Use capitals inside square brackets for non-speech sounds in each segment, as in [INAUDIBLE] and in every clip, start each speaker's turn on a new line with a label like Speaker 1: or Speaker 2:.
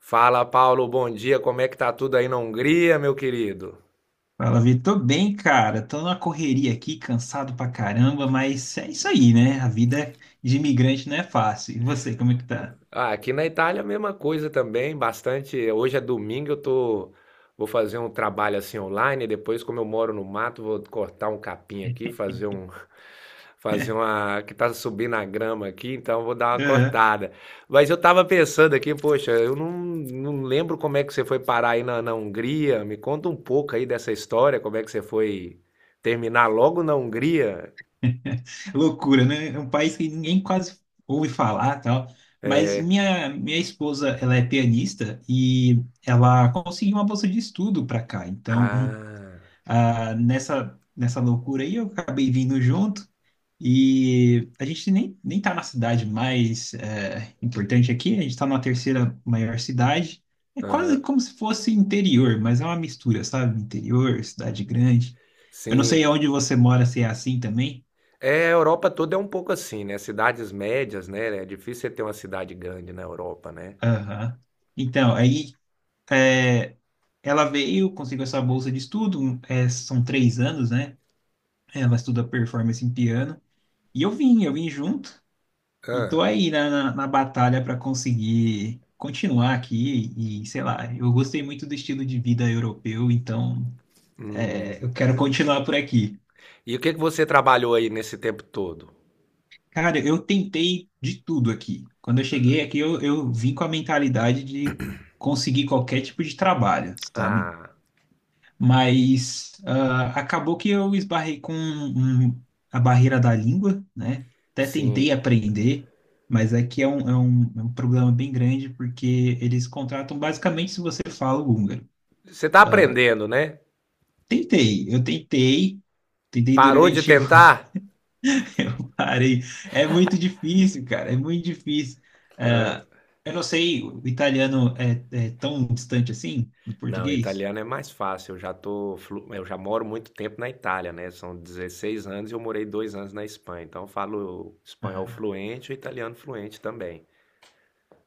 Speaker 1: Fala, Paulo, bom dia. Como é que tá tudo aí na Hungria, meu querido?
Speaker 2: Fala, Vitor. Tô bem, cara. Tô numa correria aqui, cansado pra caramba, mas é isso aí, né? A vida de imigrante não é fácil. E você, como é que tá?
Speaker 1: Ah, aqui na Itália a mesma coisa também, bastante. Hoje é domingo, eu tô vou fazer um trabalho assim online, depois como eu moro no mato, vou cortar um capim aqui, fazer um [LAUGHS] fazer
Speaker 2: [LAUGHS]
Speaker 1: uma que tá subindo a grama aqui, então eu vou dar uma
Speaker 2: Aham.
Speaker 1: cortada. Mas eu tava pensando aqui, poxa, eu não lembro como é que você foi parar aí na Hungria. Me conta um pouco aí dessa história, como é que você foi terminar logo na Hungria?
Speaker 2: Loucura, né? É um país que ninguém quase ouve falar, tal. Mas
Speaker 1: É.
Speaker 2: minha esposa, ela é pianista e ela conseguiu uma bolsa de estudo para cá. Então,
Speaker 1: Ah,
Speaker 2: nessa loucura aí, eu acabei vindo junto. E a gente nem tá na cidade mais importante aqui, a gente está numa terceira maior cidade. É quase
Speaker 1: aham.
Speaker 2: como se fosse interior, mas é uma mistura, sabe? Interior, cidade grande. Eu não sei
Speaker 1: Sim.
Speaker 2: onde você mora, se é assim também.
Speaker 1: É, a Europa toda é um pouco assim, né? Cidades médias, né? É difícil você ter uma cidade grande na Europa, né?
Speaker 2: Aham. Então, é, ela veio, conseguiu essa bolsa de estudo, são 3 anos, né? Ela estuda performance em piano. E eu vim junto. E tô
Speaker 1: Ah,
Speaker 2: aí na batalha para conseguir continuar aqui e, sei lá, eu gostei muito do estilo de vida europeu, então
Speaker 1: hum.
Speaker 2: eu quero continuar por aqui.
Speaker 1: E o que que você trabalhou aí nesse tempo todo?
Speaker 2: Cara, eu tentei de tudo aqui. Quando eu cheguei aqui, eu vim com a mentalidade de conseguir qualquer tipo de trabalho, sabe?
Speaker 1: Ah,
Speaker 2: Mas acabou que eu esbarrei com a barreira da língua, né? Até tentei
Speaker 1: sim.
Speaker 2: aprender, mas aqui é um problema bem grande, porque eles contratam basicamente se você fala o húngaro.
Speaker 1: Você tá aprendendo, né?
Speaker 2: Tentei, tentei
Speaker 1: Parou de
Speaker 2: durante o. [LAUGHS]
Speaker 1: tentar?
Speaker 2: Eu parei. É muito difícil, cara, é muito difícil. Ah, eu não sei, o italiano é tão distante assim do
Speaker 1: Não,
Speaker 2: português?
Speaker 1: italiano é mais fácil. Eu já moro muito tempo na Itália, né? São 16 anos e eu morei 2 anos na Espanha. Então eu falo espanhol
Speaker 2: Ah,
Speaker 1: fluente e italiano fluente também.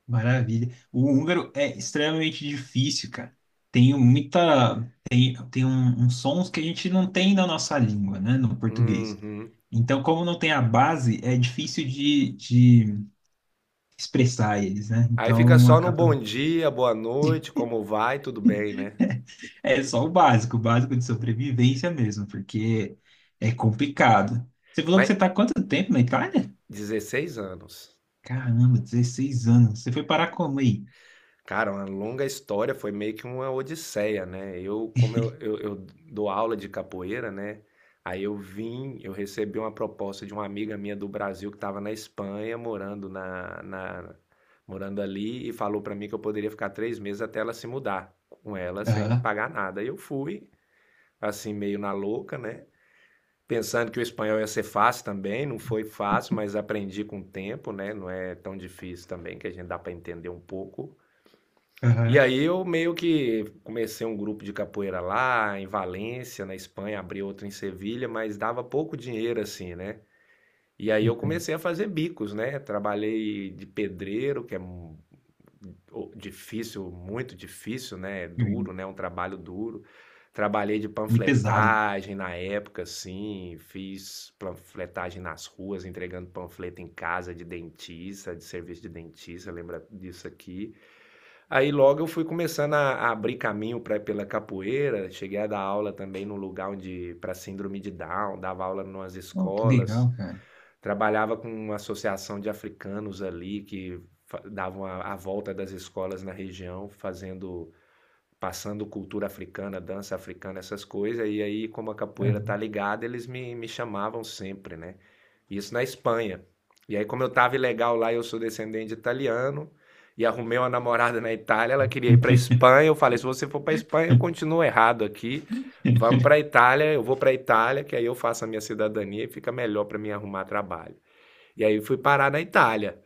Speaker 2: maravilha. O húngaro é extremamente difícil, cara. Tem uns sons que a gente não tem na nossa língua, né, no português.
Speaker 1: Uhum.
Speaker 2: Então, como não tem a base, é difícil de expressar eles, né?
Speaker 1: Aí fica
Speaker 2: Então,
Speaker 1: só no bom
Speaker 2: acaba.
Speaker 1: dia, boa noite, como vai, tudo bem, né?
Speaker 2: É só o básico de sobrevivência mesmo, porque é complicado. Você falou que
Speaker 1: Mas
Speaker 2: você está há quanto tempo na Itália?
Speaker 1: 16 anos.
Speaker 2: Caramba, 16 anos. Você foi parar como aí?
Speaker 1: Cara, uma longa história, foi meio que uma odisseia, né? Eu, como eu dou aula de capoeira, né? Aí eu recebi uma proposta de uma amiga minha do Brasil que estava na Espanha, morando ali, e falou pra mim que eu poderia ficar 3 meses até ela se mudar com ela sem
Speaker 2: Aham,
Speaker 1: pagar nada. E eu fui, assim, meio na louca, né? Pensando que o espanhol ia ser fácil também, não foi fácil, mas aprendi com o tempo, né? Não é tão difícil também, que a gente dá para entender um pouco. E
Speaker 2: aham.
Speaker 1: aí eu meio que comecei um grupo de capoeira lá em Valência, na Espanha, abri outro em Sevilha, mas dava pouco dinheiro assim, né? E aí eu
Speaker 2: Entendi.
Speaker 1: comecei a fazer bicos, né? Trabalhei de pedreiro, que é difícil, muito difícil, né? É duro, né? Um trabalho duro. Trabalhei de
Speaker 2: Muito pesado.
Speaker 1: panfletagem na época, assim, fiz panfletagem nas ruas, entregando panfleto em casa de dentista, de serviço de dentista, lembra disso aqui. Aí logo eu fui começando a abrir caminho pela capoeira, cheguei a dar aula também num lugar onde, para síndrome de Down, dava aula em umas
Speaker 2: Oh, que
Speaker 1: escolas.
Speaker 2: legal, cara.
Speaker 1: Trabalhava com uma associação de africanos ali que davam a volta das escolas na região, fazendo, passando cultura africana, dança africana, essas coisas. E aí, como a capoeira
Speaker 2: É.
Speaker 1: tá ligada, eles me chamavam sempre, né? Isso na Espanha. E aí, como eu tava ilegal lá, eu sou descendente de italiano e arrumei uma namorada na Itália, ela queria ir para Espanha. Eu falei: se você for para Espanha, eu
Speaker 2: [LAUGHS]
Speaker 1: continuo errado aqui. Vamos pra Itália, eu vou pra Itália, que aí eu faço a minha cidadania e fica melhor para mim arrumar trabalho. E aí fui parar na Itália.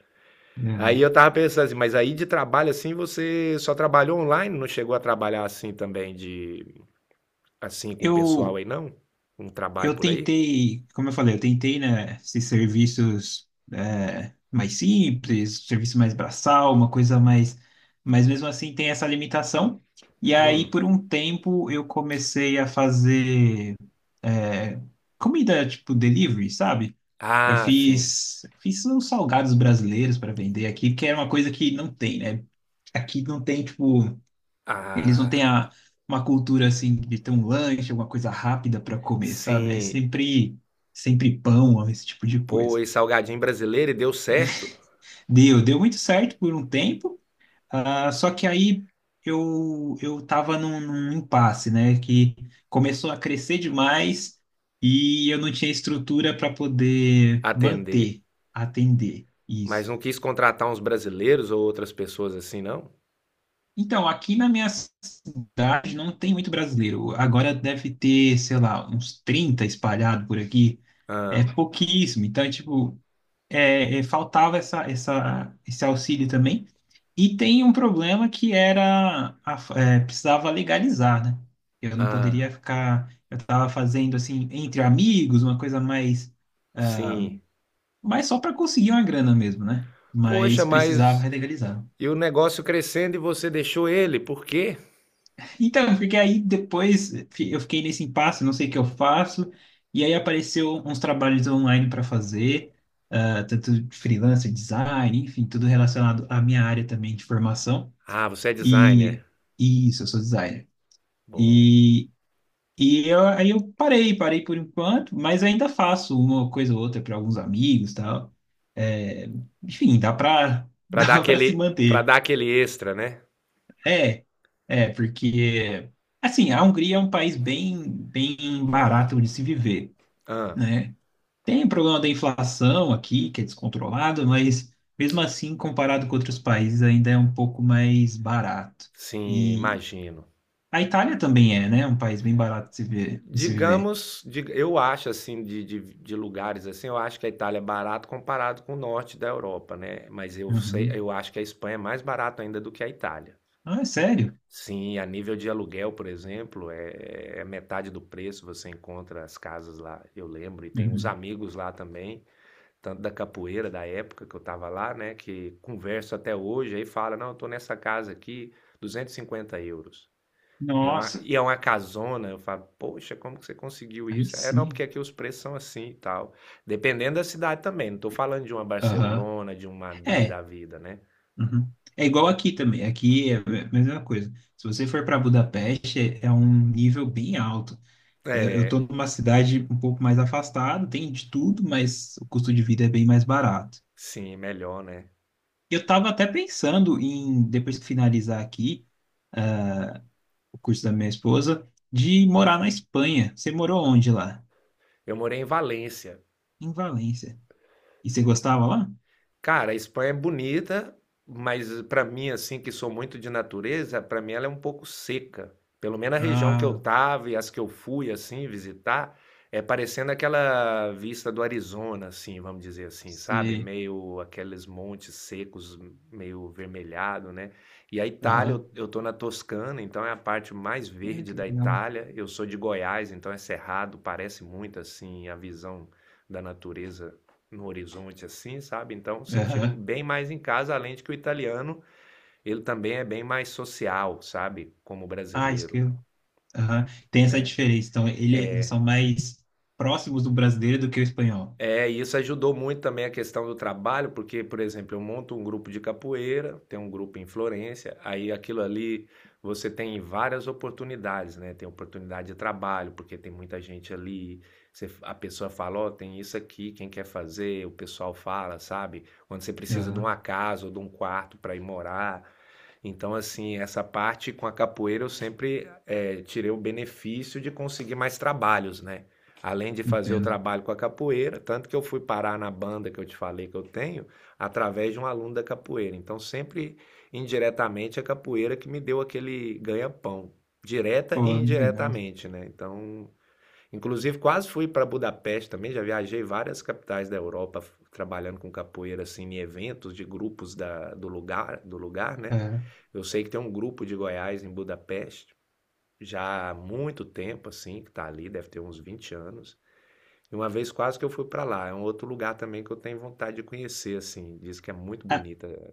Speaker 2: É.
Speaker 1: Aí eu tava pensando assim, mas aí de trabalho assim você só trabalhou online, não chegou a trabalhar assim também de assim com o pessoal
Speaker 2: Eu,
Speaker 1: aí não? Um trabalho
Speaker 2: eu
Speaker 1: por aí?
Speaker 2: tentei, como eu falei, eu tentei, né, esses serviços mais simples, serviço mais braçal, uma coisa mais, mas mesmo assim tem essa limitação. E aí,
Speaker 1: Hum.
Speaker 2: por um tempo, eu comecei a fazer é, comida tipo delivery, sabe? Eu
Speaker 1: Ah, sim.
Speaker 2: fiz, fiz uns salgados brasileiros para vender aqui, que era uma coisa que não tem, né? Aqui não tem, tipo. Eles não têm
Speaker 1: Ah,
Speaker 2: uma cultura assim de ter um lanche, alguma coisa rápida para comer, sabe? É
Speaker 1: sim.
Speaker 2: sempre, sempre pão, ó, esse tipo de
Speaker 1: Pô,
Speaker 2: coisa.
Speaker 1: esse salgadinho brasileiro e deu certo
Speaker 2: Deu, deu muito certo por um tempo, só que aí eu tava num impasse, né? Que começou a crescer demais e eu não tinha estrutura para poder
Speaker 1: atender,
Speaker 2: manter, atender isso.
Speaker 1: mas não quis contratar uns brasileiros ou outras pessoas assim não?
Speaker 2: Então, aqui na minha cidade não tem muito brasileiro. Agora deve ter, sei lá, uns 30 espalhados por aqui. É
Speaker 1: Ah,
Speaker 2: pouquíssimo. Então, tipo, faltava essa, esse auxílio também. E tem um problema que era, precisava legalizar, né? Eu não
Speaker 1: ah,
Speaker 2: poderia ficar, eu estava fazendo assim, entre amigos, uma coisa mais,
Speaker 1: sim.
Speaker 2: mais só para conseguir uma grana mesmo, né? Mas
Speaker 1: Poxa, mas
Speaker 2: precisava legalizar.
Speaker 1: e o negócio crescendo e você deixou ele, por quê?
Speaker 2: Então, porque aí depois eu fiquei nesse impasse, não sei o que eu faço, e aí apareceu uns trabalhos online para fazer, tanto de freelancer, design, enfim, tudo relacionado à minha área também de formação.
Speaker 1: Ah, você é
Speaker 2: E,
Speaker 1: designer.
Speaker 2: e isso, eu sou designer.
Speaker 1: Bom.
Speaker 2: E, e eu parei, parei por enquanto, mas ainda faço uma coisa ou outra para alguns amigos, tal. É, enfim, dá para [LAUGHS] dá para se
Speaker 1: Para
Speaker 2: manter.
Speaker 1: dar aquele extra, né?
Speaker 2: É, é, porque, assim, a Hungria é um país bem, bem barato de se viver,
Speaker 1: Ah,
Speaker 2: né? Tem o problema da inflação aqui, que é descontrolado, mas mesmo assim, comparado com outros países, ainda é um pouco mais barato.
Speaker 1: sim,
Speaker 2: E
Speaker 1: imagino.
Speaker 2: a Itália também é, né? Um país bem barato de se ver, de se viver.
Speaker 1: Digamos, eu acho assim, de lugares assim, eu acho que a Itália é barato comparado com o norte da Europa, né? Mas eu sei,
Speaker 2: Uhum.
Speaker 1: eu acho que a Espanha é mais barato ainda do que a Itália.
Speaker 2: Ah, é sério?
Speaker 1: Sim, a nível de aluguel, por exemplo, é metade do preço, você encontra as casas lá, eu lembro, e tem uns
Speaker 2: Uhum.
Speaker 1: amigos lá também tanto da capoeira da época que eu tava lá, né, que converso até hoje, aí fala, não, eu tô nessa casa aqui, 250 euros. E é uma,
Speaker 2: Nossa,
Speaker 1: e é uma casona, eu falo, poxa, como que você conseguiu
Speaker 2: aí
Speaker 1: isso? É, não, porque
Speaker 2: sim.
Speaker 1: aqui os preços são assim e tal. Dependendo da cidade também, não tô falando de uma
Speaker 2: Aham.
Speaker 1: Barcelona, de um Madrid
Speaker 2: É,
Speaker 1: da vida, né?
Speaker 2: Uhum. É igual aqui também. Aqui é a mesma coisa. Se você for para Budapeste, é um nível bem alto. É, eu
Speaker 1: É,
Speaker 2: estou numa cidade um pouco mais afastada, tem de tudo, mas o custo de vida é bem mais barato.
Speaker 1: sim, melhor, né?
Speaker 2: Eu estava até pensando em, depois de finalizar aqui o curso da minha esposa, de morar na Espanha. Você morou onde lá?
Speaker 1: Eu morei em Valência.
Speaker 2: Em Valência. E você gostava lá?
Speaker 1: Cara, a Espanha é bonita, mas pra mim, assim, que sou muito de natureza, pra mim ela é um pouco seca. Pelo menos a região que eu
Speaker 2: Ah,
Speaker 1: tava e as que eu fui, assim, visitar, é parecendo aquela vista do Arizona, assim, vamos dizer assim, sabe?
Speaker 2: você.
Speaker 1: Meio aqueles montes secos, meio vermelhado, né? E a Itália,
Speaker 2: Aham.
Speaker 1: eu tô na Toscana, então é a parte mais
Speaker 2: Ah,
Speaker 1: verde
Speaker 2: que
Speaker 1: da
Speaker 2: legal.
Speaker 1: Itália. Eu sou de Goiás, então é cerrado, parece muito, assim, a visão da natureza no horizonte assim, sabe? Então sentimos
Speaker 2: Aham.
Speaker 1: bem mais em casa, além de que o italiano, ele também é bem mais social, sabe? Como o
Speaker 2: Ah, isso que
Speaker 1: brasileiro,
Speaker 2: eu. Aham. Tem essa
Speaker 1: né?
Speaker 2: diferença. Então, eles são mais próximos do brasileiro do que o espanhol.
Speaker 1: É, e isso ajudou muito também a questão do trabalho, porque, por exemplo, eu monto um grupo de capoeira, tem um grupo em Florença, aí aquilo ali você tem várias oportunidades, né? Tem oportunidade de trabalho, porque tem muita gente ali, a pessoa fala, ó, tem isso aqui, quem quer fazer? O pessoal fala, sabe? Quando você precisa de
Speaker 2: Aham.
Speaker 1: uma casa ou de um quarto para ir morar. Então, assim, essa parte com a capoeira eu sempre tirei o benefício de conseguir mais trabalhos, né? Além de fazer o
Speaker 2: Entendo.
Speaker 1: trabalho com a capoeira, tanto que eu fui parar na banda que eu te falei que eu tenho, através de um aluno da capoeira. Então, sempre indiretamente a capoeira que me deu aquele ganha-pão, direta e
Speaker 2: Pô, legal.
Speaker 1: indiretamente, né? Então, inclusive quase fui para Budapeste também, já viajei várias capitais da Europa trabalhando com capoeira assim em eventos de grupos do lugar, né?
Speaker 2: É.
Speaker 1: Eu sei que tem um grupo de Goiás em Budapeste já há muito tempo assim, que está ali, deve ter uns 20 anos. E uma vez quase que eu fui para lá. É um outro lugar também que eu tenho vontade de conhecer, assim. Diz que é muito bonita a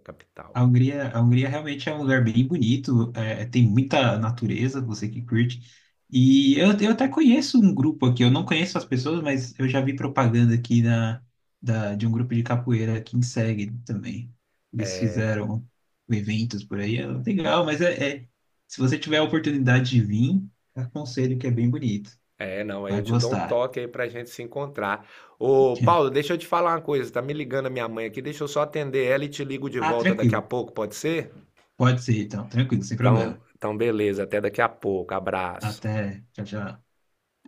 Speaker 1: capital.
Speaker 2: A Hungria realmente é um lugar bem bonito, tem muita natureza, você que curte. E eu até conheço um grupo aqui, eu não conheço as pessoas, mas eu já vi propaganda aqui na, de um grupo de capoeira aqui em Seg também. Eles fizeram eventos por aí, é legal, mas se você tiver a oportunidade de vir, aconselho que é bem bonito,
Speaker 1: É, não, aí eu
Speaker 2: vai
Speaker 1: te dou um
Speaker 2: gostar.
Speaker 1: toque aí pra gente se encontrar. Ô, Paulo,
Speaker 2: [LAUGHS]
Speaker 1: deixa eu te falar uma coisa. Tá me ligando a minha mãe aqui, deixa eu só atender ela e te ligo de
Speaker 2: Ah,
Speaker 1: volta daqui a
Speaker 2: tranquilo,
Speaker 1: pouco, pode ser?
Speaker 2: pode ser então, tranquilo, sem
Speaker 1: Então,
Speaker 2: problema.
Speaker 1: então beleza, até daqui a pouco. Abraço.
Speaker 2: Até, tchau, tchau.